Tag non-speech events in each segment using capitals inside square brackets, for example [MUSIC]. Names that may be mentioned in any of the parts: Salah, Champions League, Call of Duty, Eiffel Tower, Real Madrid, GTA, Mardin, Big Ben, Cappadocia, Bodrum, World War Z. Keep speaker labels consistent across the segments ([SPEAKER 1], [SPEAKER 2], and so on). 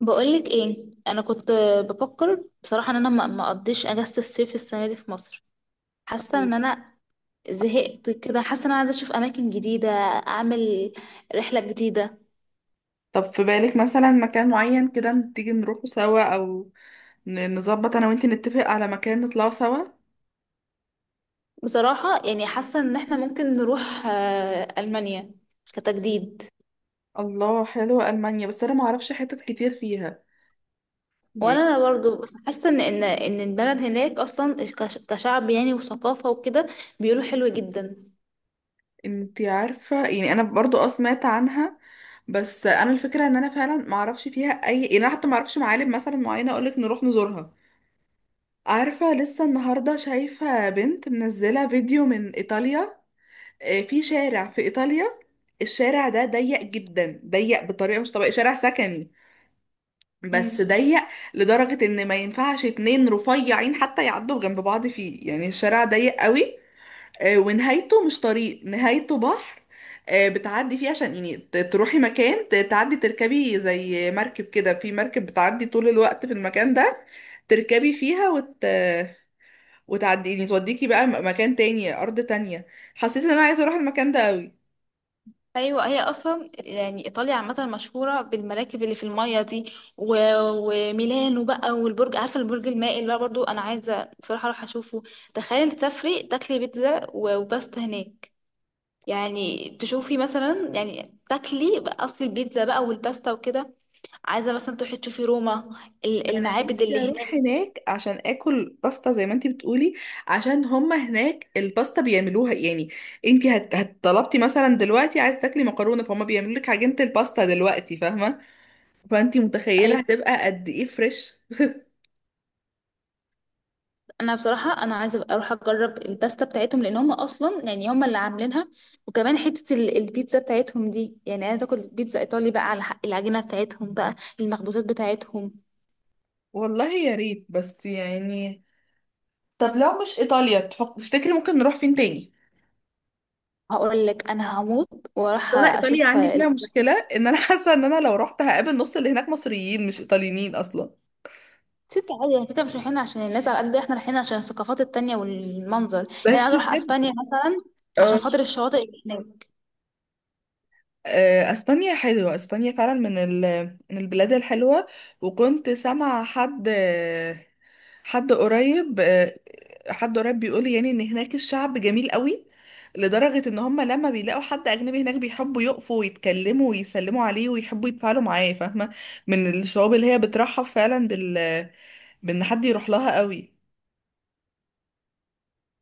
[SPEAKER 1] بقولك ايه؟ انا كنت بفكر بصراحه ان انا ما اقضيش اجازه الصيف السنه دي في مصر. حاسه ان انا زهقت كده، حاسه ان انا عايزه اشوف اماكن جديده، اعمل رحله جديده.
[SPEAKER 2] طب في بالك مثلا مكان معين كده تيجي نروحه سوا، او نظبط انا وانتي نتفق على مكان نطلعه سوا.
[SPEAKER 1] بصراحه يعني حاسه ان احنا ممكن نروح المانيا كتجديد.
[SPEAKER 2] الله، حلوة ألمانيا، بس انا ما اعرفش حتت كتير فيها
[SPEAKER 1] وانا
[SPEAKER 2] يعني.
[SPEAKER 1] أنا برضو، بس حاسه ان البلد هناك اصلا كشعب يعني، وثقافه وكده بيقولوا حلو جدا.
[SPEAKER 2] انتي عارفة، يعني انا برضو سمعت عنها، بس انا الفكرة ان انا فعلا ما اعرفش فيها اي، يعني انا حتى ما اعرفش معالم مثلا معينة اقولك نروح نزورها. عارفة، لسه النهاردة شايفة بنت منزلة فيديو من ايطاليا. في شارع في ايطاليا، الشارع ده ضيق جدا، ضيق بطريقة مش طبيعية، شارع سكني بس
[SPEAKER 1] مم.
[SPEAKER 2] ضيق، لدرجة ان ما ينفعش اتنين رفيعين حتى يعدوا جنب بعض فيه، يعني الشارع ضيق قوي. ونهايته مش طريق، نهايته بحر. بتعدي فيه عشان يعني تروحي مكان، تعدي تركبي زي مركب كده، في مركب بتعدي طول الوقت في المكان ده، تركبي فيها وتعدي يعني توديكي بقى مكان تاني، أرض تانية. حسيت ان انا عايزة اروح المكان ده قوي.
[SPEAKER 1] ايوه، هي اصلا يعني ايطاليا عامه مشهوره بالمراكب اللي في الميه دي وميلانو بقى، والبرج، عارفه البرج المائل بقى برضو انا عايزه بصراحه اروح اشوفه. تخيل تسافري تاكلي بيتزا وباستا هناك، يعني تشوفي مثلا، يعني تاكلي بقى، اصل البيتزا بقى والباستا وكده. عايزه مثلا تروحي تشوفي روما،
[SPEAKER 2] انا
[SPEAKER 1] المعابد
[SPEAKER 2] نفسي
[SPEAKER 1] اللي
[SPEAKER 2] اروح
[SPEAKER 1] هناك.
[SPEAKER 2] هناك عشان اكل باستا زي ما انتي بتقولي، عشان هما هناك الباستا بيعملوها يعني. انتي هتطلبتي مثلا دلوقتي عايز تاكلي مكرونه، فهم بيعملوا لك عجينه الباستا دلوقتي، فاهمه؟ فانتي متخيله هتبقى قد ايه فريش.
[SPEAKER 1] انا بصراحه انا عايزه أبقى اروح اجرب الباستا بتاعتهم، لان هم اصلا يعني هم اللي عاملينها. وكمان حته البيتزا بتاعتهم دي، يعني عايزه اكل بيتزا ايطالي بقى على حق العجينه بتاعتهم بقى، المخبوزات بتاعتهم.
[SPEAKER 2] والله يا ريت، بس يعني طب لو مش ايطاليا تفتكري ممكن نروح فين تاني؟
[SPEAKER 1] هقول لك انا هموت واروح
[SPEAKER 2] انا ايطاليا
[SPEAKER 1] اشوف
[SPEAKER 2] عندي فيها مشكله ان انا [LAUGHS] حاسه ان انا لو رحت هقابل نص اللي هناك مصريين، مش ايطاليين اصلا.
[SPEAKER 1] ست عادي، يعني كده مش رايحين عشان الناس، على قد احنا رايحين عشان الثقافات التانية والمنظر. يعني
[SPEAKER 2] بس
[SPEAKER 1] عايزه اروح
[SPEAKER 2] بجد.
[SPEAKER 1] اسبانيا مثلا
[SPEAKER 2] آه.
[SPEAKER 1] عشان خاطر الشواطئ اللي هناك.
[SPEAKER 2] اسبانيا حلوة، اسبانيا فعلا من من البلاد الحلوة. وكنت سامعة حد آه، حد قريب آه، حد قريب بيقول يعني ان هناك الشعب جميل قوي، لدرجة ان هم لما بيلاقوا حد اجنبي هناك بيحبوا يقفوا ويتكلموا ويسلموا عليه ويحبوا يتفاعلوا معاه، فاهمة؟ من الشعوب اللي هي بترحب فعلا بان حد يروح لها قوي.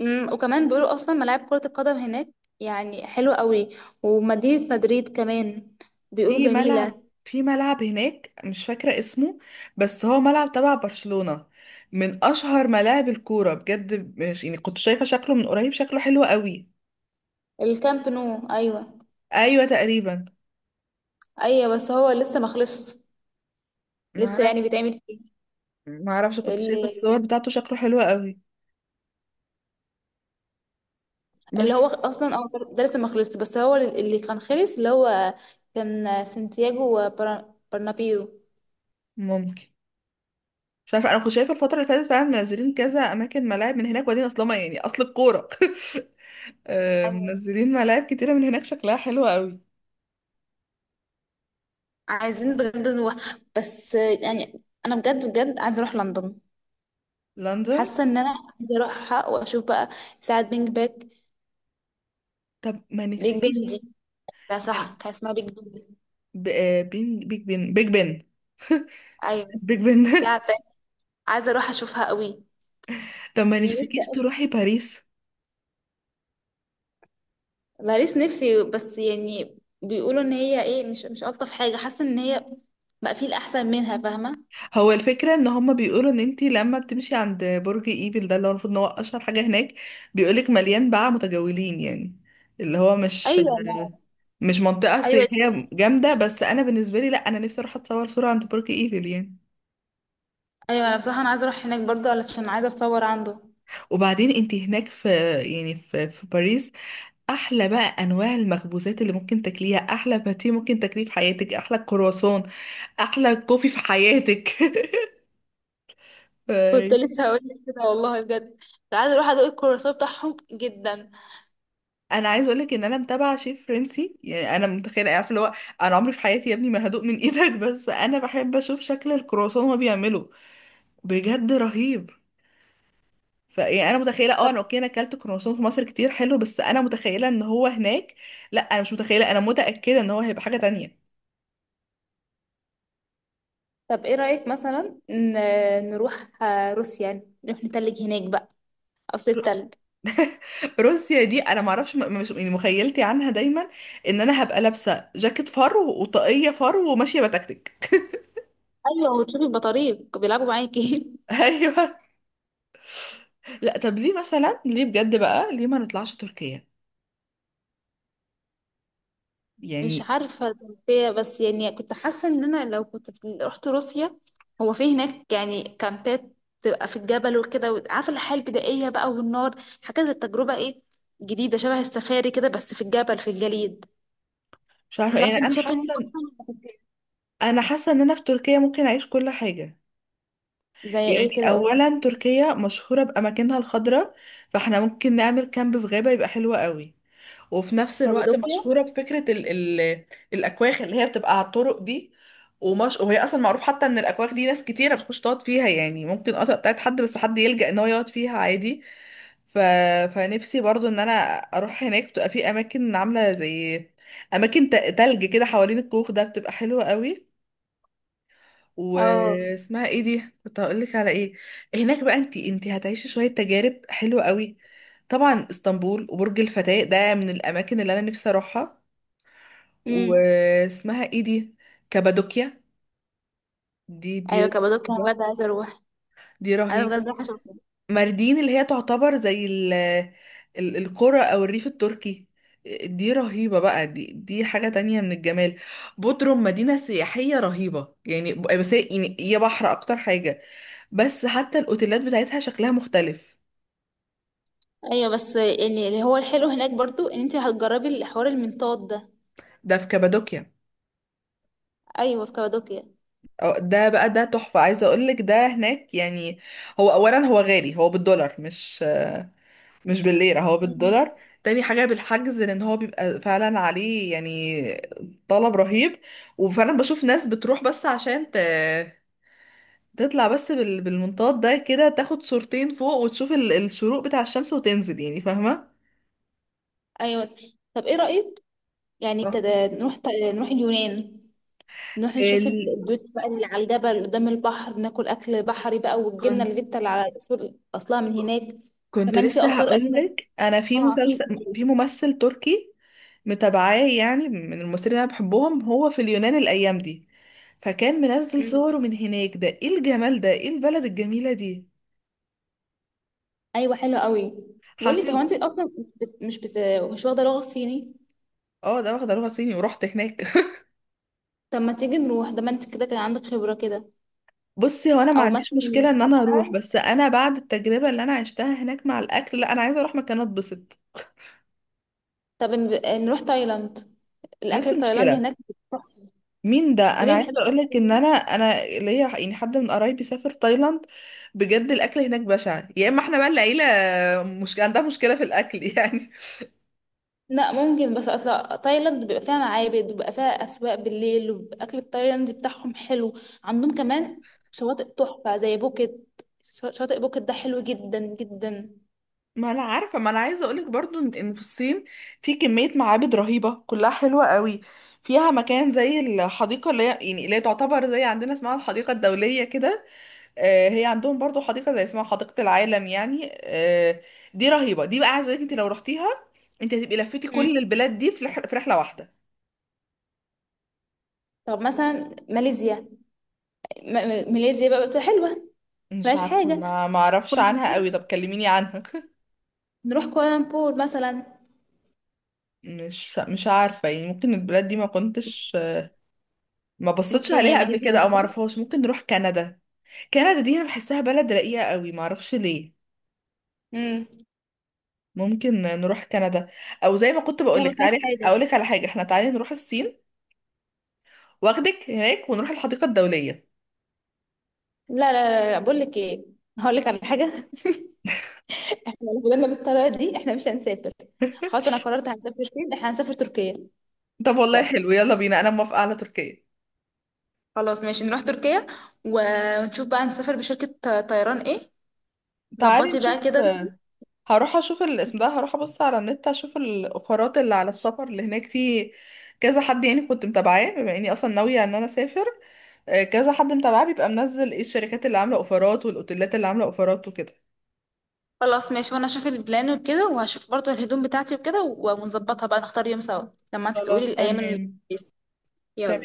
[SPEAKER 1] وكمان بيقولوا اصلا ملاعب كره القدم هناك يعني حلوه قوي، ومدينه مدريد كمان بيقولوا
[SPEAKER 2] في ملعب
[SPEAKER 1] جميله.
[SPEAKER 2] في ملعب هناك مش فاكرة اسمه، بس هو ملعب تبع برشلونة، من أشهر ملاعب الكورة بجد، مش يعني كنت شايفة شكله من قريب، شكله حلو قوي.
[SPEAKER 1] الكامب نو، ايوه.
[SPEAKER 2] أيوة تقريبا.
[SPEAKER 1] ايوه بس هو لسه ما خلصش، لسه
[SPEAKER 2] معرف
[SPEAKER 1] يعني بيتعمل فيه.
[SPEAKER 2] معرفش، كنت شايفة
[SPEAKER 1] ال-
[SPEAKER 2] الصور بتاعته شكله حلو قوي.
[SPEAKER 1] اللي هو
[SPEAKER 2] بس.
[SPEAKER 1] اصلا، ده لسه ما خلصش، بس هو اللي كان خلص اللي هو كان سانتياغو وبرنابيرو.
[SPEAKER 2] ممكن. مش عارفة، أنا كنت شايفة الفترة اللي فاتت فعلا منزلين كذا أماكن، ملاعب من هناك، وبعدين أصلا يعني أصل الكورة [LAUGHS]
[SPEAKER 1] ايوه.
[SPEAKER 2] منزلين ملاعب كتيرة من هناك شكلها حلو قوي.
[SPEAKER 1] عايزين بجد نروح، بس يعني انا بجد بجد عايزه اروح لندن.
[SPEAKER 2] لندن.
[SPEAKER 1] حاسه ان انا عايزه اروحها واشوف بقى ساعه بينج باك.
[SPEAKER 2] طب ما
[SPEAKER 1] بيج
[SPEAKER 2] نفسكيش؟
[SPEAKER 1] بن دي، لا صح، كان اسمها بيج بن.
[SPEAKER 2] ب... آه، بين بيج بن بيج بن. [LAUGHS]
[SPEAKER 1] ايوه.
[SPEAKER 2] بيج بن. [LAUGHS]
[SPEAKER 1] الساعه بتاعت، عايزه اروح اشوفها قوي.
[SPEAKER 2] طب ما
[SPEAKER 1] نيويورك.
[SPEAKER 2] نفسكيش تروحي باريس؟
[SPEAKER 1] باريس نفسي، بس يعني بيقولوا ان هي ايه، مش الطف حاجه، حاسه ان هي بقى في الاحسن منها، فاهمه.
[SPEAKER 2] هو الفكرة ان هما بيقولوا ان انتي لما بتمشي عند برج ايفل ده، اللي هو المفروض ان هو اشهر حاجة هناك، بيقولك مليان بقى متجولين يعني، اللي هو مش
[SPEAKER 1] ايوه ما،
[SPEAKER 2] منطقة
[SPEAKER 1] ايوه دي
[SPEAKER 2] سياحية
[SPEAKER 1] حقيقة.
[SPEAKER 2] جامدة. بس أنا بالنسبة لي لأ، أنا نفسي أروح أتصور صورة عند برج إيفل يعني.
[SPEAKER 1] ايوه، انا بصراحه انا عايزه اروح هناك برضه علشان عايزه اتصور عنده.
[SPEAKER 2] وبعدين أنت هناك في، يعني في باريس، أحلى بقى أنواع المخبوزات اللي ممكن تاكليها، أحلى باتيه ممكن تاكليه في حياتك، أحلى كرواسون، احلى كوفي في حياتك. [LAUGHS]
[SPEAKER 1] كنت
[SPEAKER 2] فاي.
[SPEAKER 1] لسه هقول لك كده والله بجد، عايزه اروح ادوق الكرواسون بتاعهم جدا.
[SPEAKER 2] انا عايز اقولك ان انا متابعه شيف فرنسي، يعني انا متخيله، عارفه اللي هو، انا عمري في حياتي يا ابني ما هدوق من [LAUGHS] ايدك، بس انا بحب اشوف شكل الكرواسون وهو بيعمله، بجد رهيب. فيعني انا متخيله،
[SPEAKER 1] طب
[SPEAKER 2] انا اوكي، انا اكلت كرواسون في مصر كتير حلو، بس انا متخيله ان هو هناك، لا انا مش متخيله، انا متاكده ان هو هيبقى حاجه تانية.
[SPEAKER 1] ايه رايك مثلا نروح روسيا، يعني نروح نتلج هناك بقى، اصل التلج.
[SPEAKER 2] روسيا دي انا ما اعرفش، مش يعني مخيلتي عنها دايما ان انا هبقى لابسه جاكيت فر وطاقيه فر وماشيه بتكتك.
[SPEAKER 1] ايوه، وتشوفي البطاريق بيلعبوا معاكي [LAUGHS]
[SPEAKER 2] [LAUGHS] ايوه. لا طب ليه مثلا، ليه بجد بقى، ليه ما نطلعش تركيا؟
[SPEAKER 1] مش
[SPEAKER 2] يعني
[SPEAKER 1] عارفة تركيا، بس يعني كنت حاسة ان انا لو كنت رحت روسيا، هو في هناك يعني كامبات تبقى في الجبل وكده، وعارفة الحياة البدائية بقى والنار، حاجة زي التجربة ايه، جديدة شبه السفاري كده بس في الجبل، في الجليد.
[SPEAKER 2] مش عارفه،
[SPEAKER 1] مش
[SPEAKER 2] يعني
[SPEAKER 1] عارفة، انت
[SPEAKER 2] انا
[SPEAKER 1] شايفة ان أنا
[SPEAKER 2] حاسه،
[SPEAKER 1] اصلا.
[SPEAKER 2] ان انا في تركيا ممكن اعيش كل حاجه.
[SPEAKER 1] زي
[SPEAKER 2] يعني
[SPEAKER 1] ايه كده، قولي.
[SPEAKER 2] اولا تركيا مشهوره باماكنها الخضراء، فاحنا ممكن نعمل كامب في غابه، يبقى حلو قوي. وفي نفس الوقت
[SPEAKER 1] كابادوكيا،
[SPEAKER 2] مشهوره بفكره ال الاكواخ اللي هي بتبقى على الطرق دي، وهي اصلا معروف حتى ان الاكواخ دي ناس كتيره بتخش تقعد فيها يعني، ممكن قطع بتاعت حد، بس حد يلجأ ان هو يقعد فيها عادي. ف... فنفسي برضو ان انا اروح هناك، بتبقى في اماكن عامله زي اماكن تلج كده حوالين الكوخ ده، بتبقى حلوه قوي.
[SPEAKER 1] اه.
[SPEAKER 2] واسمها ايه دي، كنت هقول لك على ايه. هناك بقى انتي هتعيشي شويه تجارب حلوه قوي. طبعا اسطنبول وبرج الفتاة ده من الاماكن اللي انا نفسي اروحها.
[SPEAKER 1] امم.
[SPEAKER 2] واسمها ايه دي، كابادوكيا، دي دي
[SPEAKER 1] ايوه كابادوكيا انا بجد عايزة اروح،
[SPEAKER 2] دي
[SPEAKER 1] انا بجد
[SPEAKER 2] رهيبه.
[SPEAKER 1] رايحة اشوفها.
[SPEAKER 2] ماردين اللي هي تعتبر زي القرى او الريف التركي، دي رهيبة بقى، دي حاجة تانية من الجمال. بودروم مدينة سياحية رهيبة يعني، بس هي يعني هي بحر اكتر حاجة، بس حتى الاوتيلات بتاعتها شكلها مختلف.
[SPEAKER 1] ايوه، بس يعني اللي هو الحلو هناك برضو ان انت هتجربي الحوار المنطاد ده.
[SPEAKER 2] ده في كابادوكيا،
[SPEAKER 1] ايوه، في كابادوكيا.
[SPEAKER 2] ده بقى ده تحفة، عايزة اقولك ده هناك يعني، هو اولا هو غالي، هو بالدولار، مش بالليرة، هو بالدولار. تاني حاجة بالحجز، لأن هو بيبقى فعلا عليه يعني طلب رهيب، وفعلا بشوف ناس بتروح بس عشان تطلع بس بالمنطاد ده كده، تاخد صورتين فوق وتشوف الشروق بتاع الشمس وتنزل، يعني فاهمة؟
[SPEAKER 1] ايوه. طب ايه رأيك؟ يعني
[SPEAKER 2] آه.
[SPEAKER 1] كده نروح نروح اليونان، نروح نشوف
[SPEAKER 2] ال...
[SPEAKER 1] البيوت بقى اللي على الجبل قدام البحر، ناكل اكل بحري بقى، والجبنه
[SPEAKER 2] كنت
[SPEAKER 1] الفيتا اللي على الأصول اصلها من هناك.
[SPEAKER 2] كنت
[SPEAKER 1] كمان في
[SPEAKER 2] لسه
[SPEAKER 1] اثار قديمه،
[SPEAKER 2] هقولك، أنا في
[SPEAKER 1] عتيقه.
[SPEAKER 2] مسلسل في ممثل تركي متابعاه، يعني من الممثلين اللي أنا بحبهم، هو في اليونان الأيام دي، فكان منزل
[SPEAKER 1] أمم.
[SPEAKER 2] صوره من هناك، ده ايه الجمال ده، ايه البلد الجميلة دي.
[SPEAKER 1] ايوه حلو قوي. بقول لك، هو
[SPEAKER 2] حسيت.
[SPEAKER 1] انت اصلا مش واخده لغه صيني.
[SPEAKER 2] اه، ده واخده لغه صيني ورحت هناك. [LAUGHS]
[SPEAKER 1] طب ما تيجي نروح، ده ما انت كده كان عندك خبره كده.
[SPEAKER 2] بصي، هو انا ما
[SPEAKER 1] او مثلا
[SPEAKER 2] عنديش مشكله
[SPEAKER 1] مش
[SPEAKER 2] ان انا اروح،
[SPEAKER 1] عارفة.
[SPEAKER 2] بس انا بعد التجربه اللي انا عشتها هناك مع الاكل، لا انا عايزه اروح مكان اتبسط.
[SPEAKER 1] طب نروح تايلاند، الاكل
[SPEAKER 2] نفس
[SPEAKER 1] التايلاندي
[SPEAKER 2] المشكله.
[SPEAKER 1] هناك تحفة.
[SPEAKER 2] مين ده، انا
[SPEAKER 1] ليه ما
[SPEAKER 2] عايزه
[SPEAKER 1] بتحبش
[SPEAKER 2] اقول
[SPEAKER 1] الاكل؟
[SPEAKER 2] لك ان انا ليا يعني حد من قرايبي سافر تايلاند، بجد الاكل هناك بشع، يا اما احنا بقى العيله مش عندها مشكله في الاكل [LAUGHS] يعني.
[SPEAKER 1] لا ممكن، بس اصلا تايلاند بيبقى فيها معابد، وبيبقى فيها اسواق بالليل، والاكل التايلاندي بتاعهم حلو. عندهم كمان شواطئ تحفة زي بوكيت، شاطئ بوكيت ده حلو جدا جدا.
[SPEAKER 2] ما انا عارفه، ما انا عايزه اقولك برضو إن في الصين في كميه معابد رهيبه كلها حلوه قوي، فيها مكان زي الحديقه اللي هي تعتبر زي عندنا اسمها الحديقه الدوليه كده. هي عندهم برضو حديقه زي اسمها حديقه العالم يعني. دي رهيبه، دي بقى عايزه اقولك انت لو رحتيها انت هتبقي لفيتي
[SPEAKER 1] مم.
[SPEAKER 2] كل البلاد دي في في رحله واحده.
[SPEAKER 1] طب مثلا ماليزيا، ماليزيا بقى بتبقى حلوة.
[SPEAKER 2] مش
[SPEAKER 1] مفيهاش
[SPEAKER 2] عارفه،
[SPEAKER 1] حاجة.
[SPEAKER 2] ما اعرفش عنها
[SPEAKER 1] كوالالمبور،
[SPEAKER 2] قوي، طب كلميني عنها. [LAUGHS]
[SPEAKER 1] نروح كوالالمبور مثلا.
[SPEAKER 2] مش عارفه، يعني ممكن البلاد دي ما بصيتش
[SPEAKER 1] بصي هي
[SPEAKER 2] عليها قبل
[SPEAKER 1] ماليزيا
[SPEAKER 2] كده، او
[SPEAKER 1] عامة،
[SPEAKER 2] ما اعرفهاش، ممكن نروح كندا. كندا دي انا بحسها بلد رقيقة قوي، معرفش ليه.
[SPEAKER 1] امم
[SPEAKER 2] ممكن نروح كندا، او زي ما كنت
[SPEAKER 1] هي
[SPEAKER 2] بقولك،
[SPEAKER 1] مفيهاش
[SPEAKER 2] تعالي
[SPEAKER 1] حاجة.
[SPEAKER 2] اقولك على حاجة، احنا تعالي نروح الصين، واخدك هناك ونروح الحديقة الدولية.
[SPEAKER 1] لا لا لا, لا. بقول لك ايه، هقول لك على حاجة [LAUGHS] احنا لو فضلنا بالطريقة دي احنا مش هنسافر. خلاص انا قررت، هنسافر فين؟ احنا هنسافر تركيا.
[SPEAKER 2] طب والله
[SPEAKER 1] بس
[SPEAKER 2] حلو، يلا بينا انا موافقة على تركيا.
[SPEAKER 1] خلاص ماشي نروح تركيا. ونشوف بقى نسافر بشركة طيران ايه.
[SPEAKER 2] تعالي
[SPEAKER 1] ظبطي
[SPEAKER 2] نشوف،
[SPEAKER 1] بقى كده.
[SPEAKER 2] هروح اشوف الاسم ده، هروح ابص على النت اشوف الاوفرات اللي على السفر اللي هناك، في كذا حد يعني كنت متابعاه، بما اني اصلا ناوية ان انا اسافر، كذا حد متابعاه بيبقى منزل ايه الشركات اللي عاملة اوفرات والاوتيلات اللي عاملة اوفرات وكده.
[SPEAKER 1] خلاص ماشي، وانا اشوف البلان وكده، وهشوف برضو الهدوم بتاعتي وكده، ونظبطها بقى، نختار يوم سوا لما انت
[SPEAKER 2] خلاص
[SPEAKER 1] تقولي الايام اللي،
[SPEAKER 2] تمام، تمام.
[SPEAKER 1] يلا.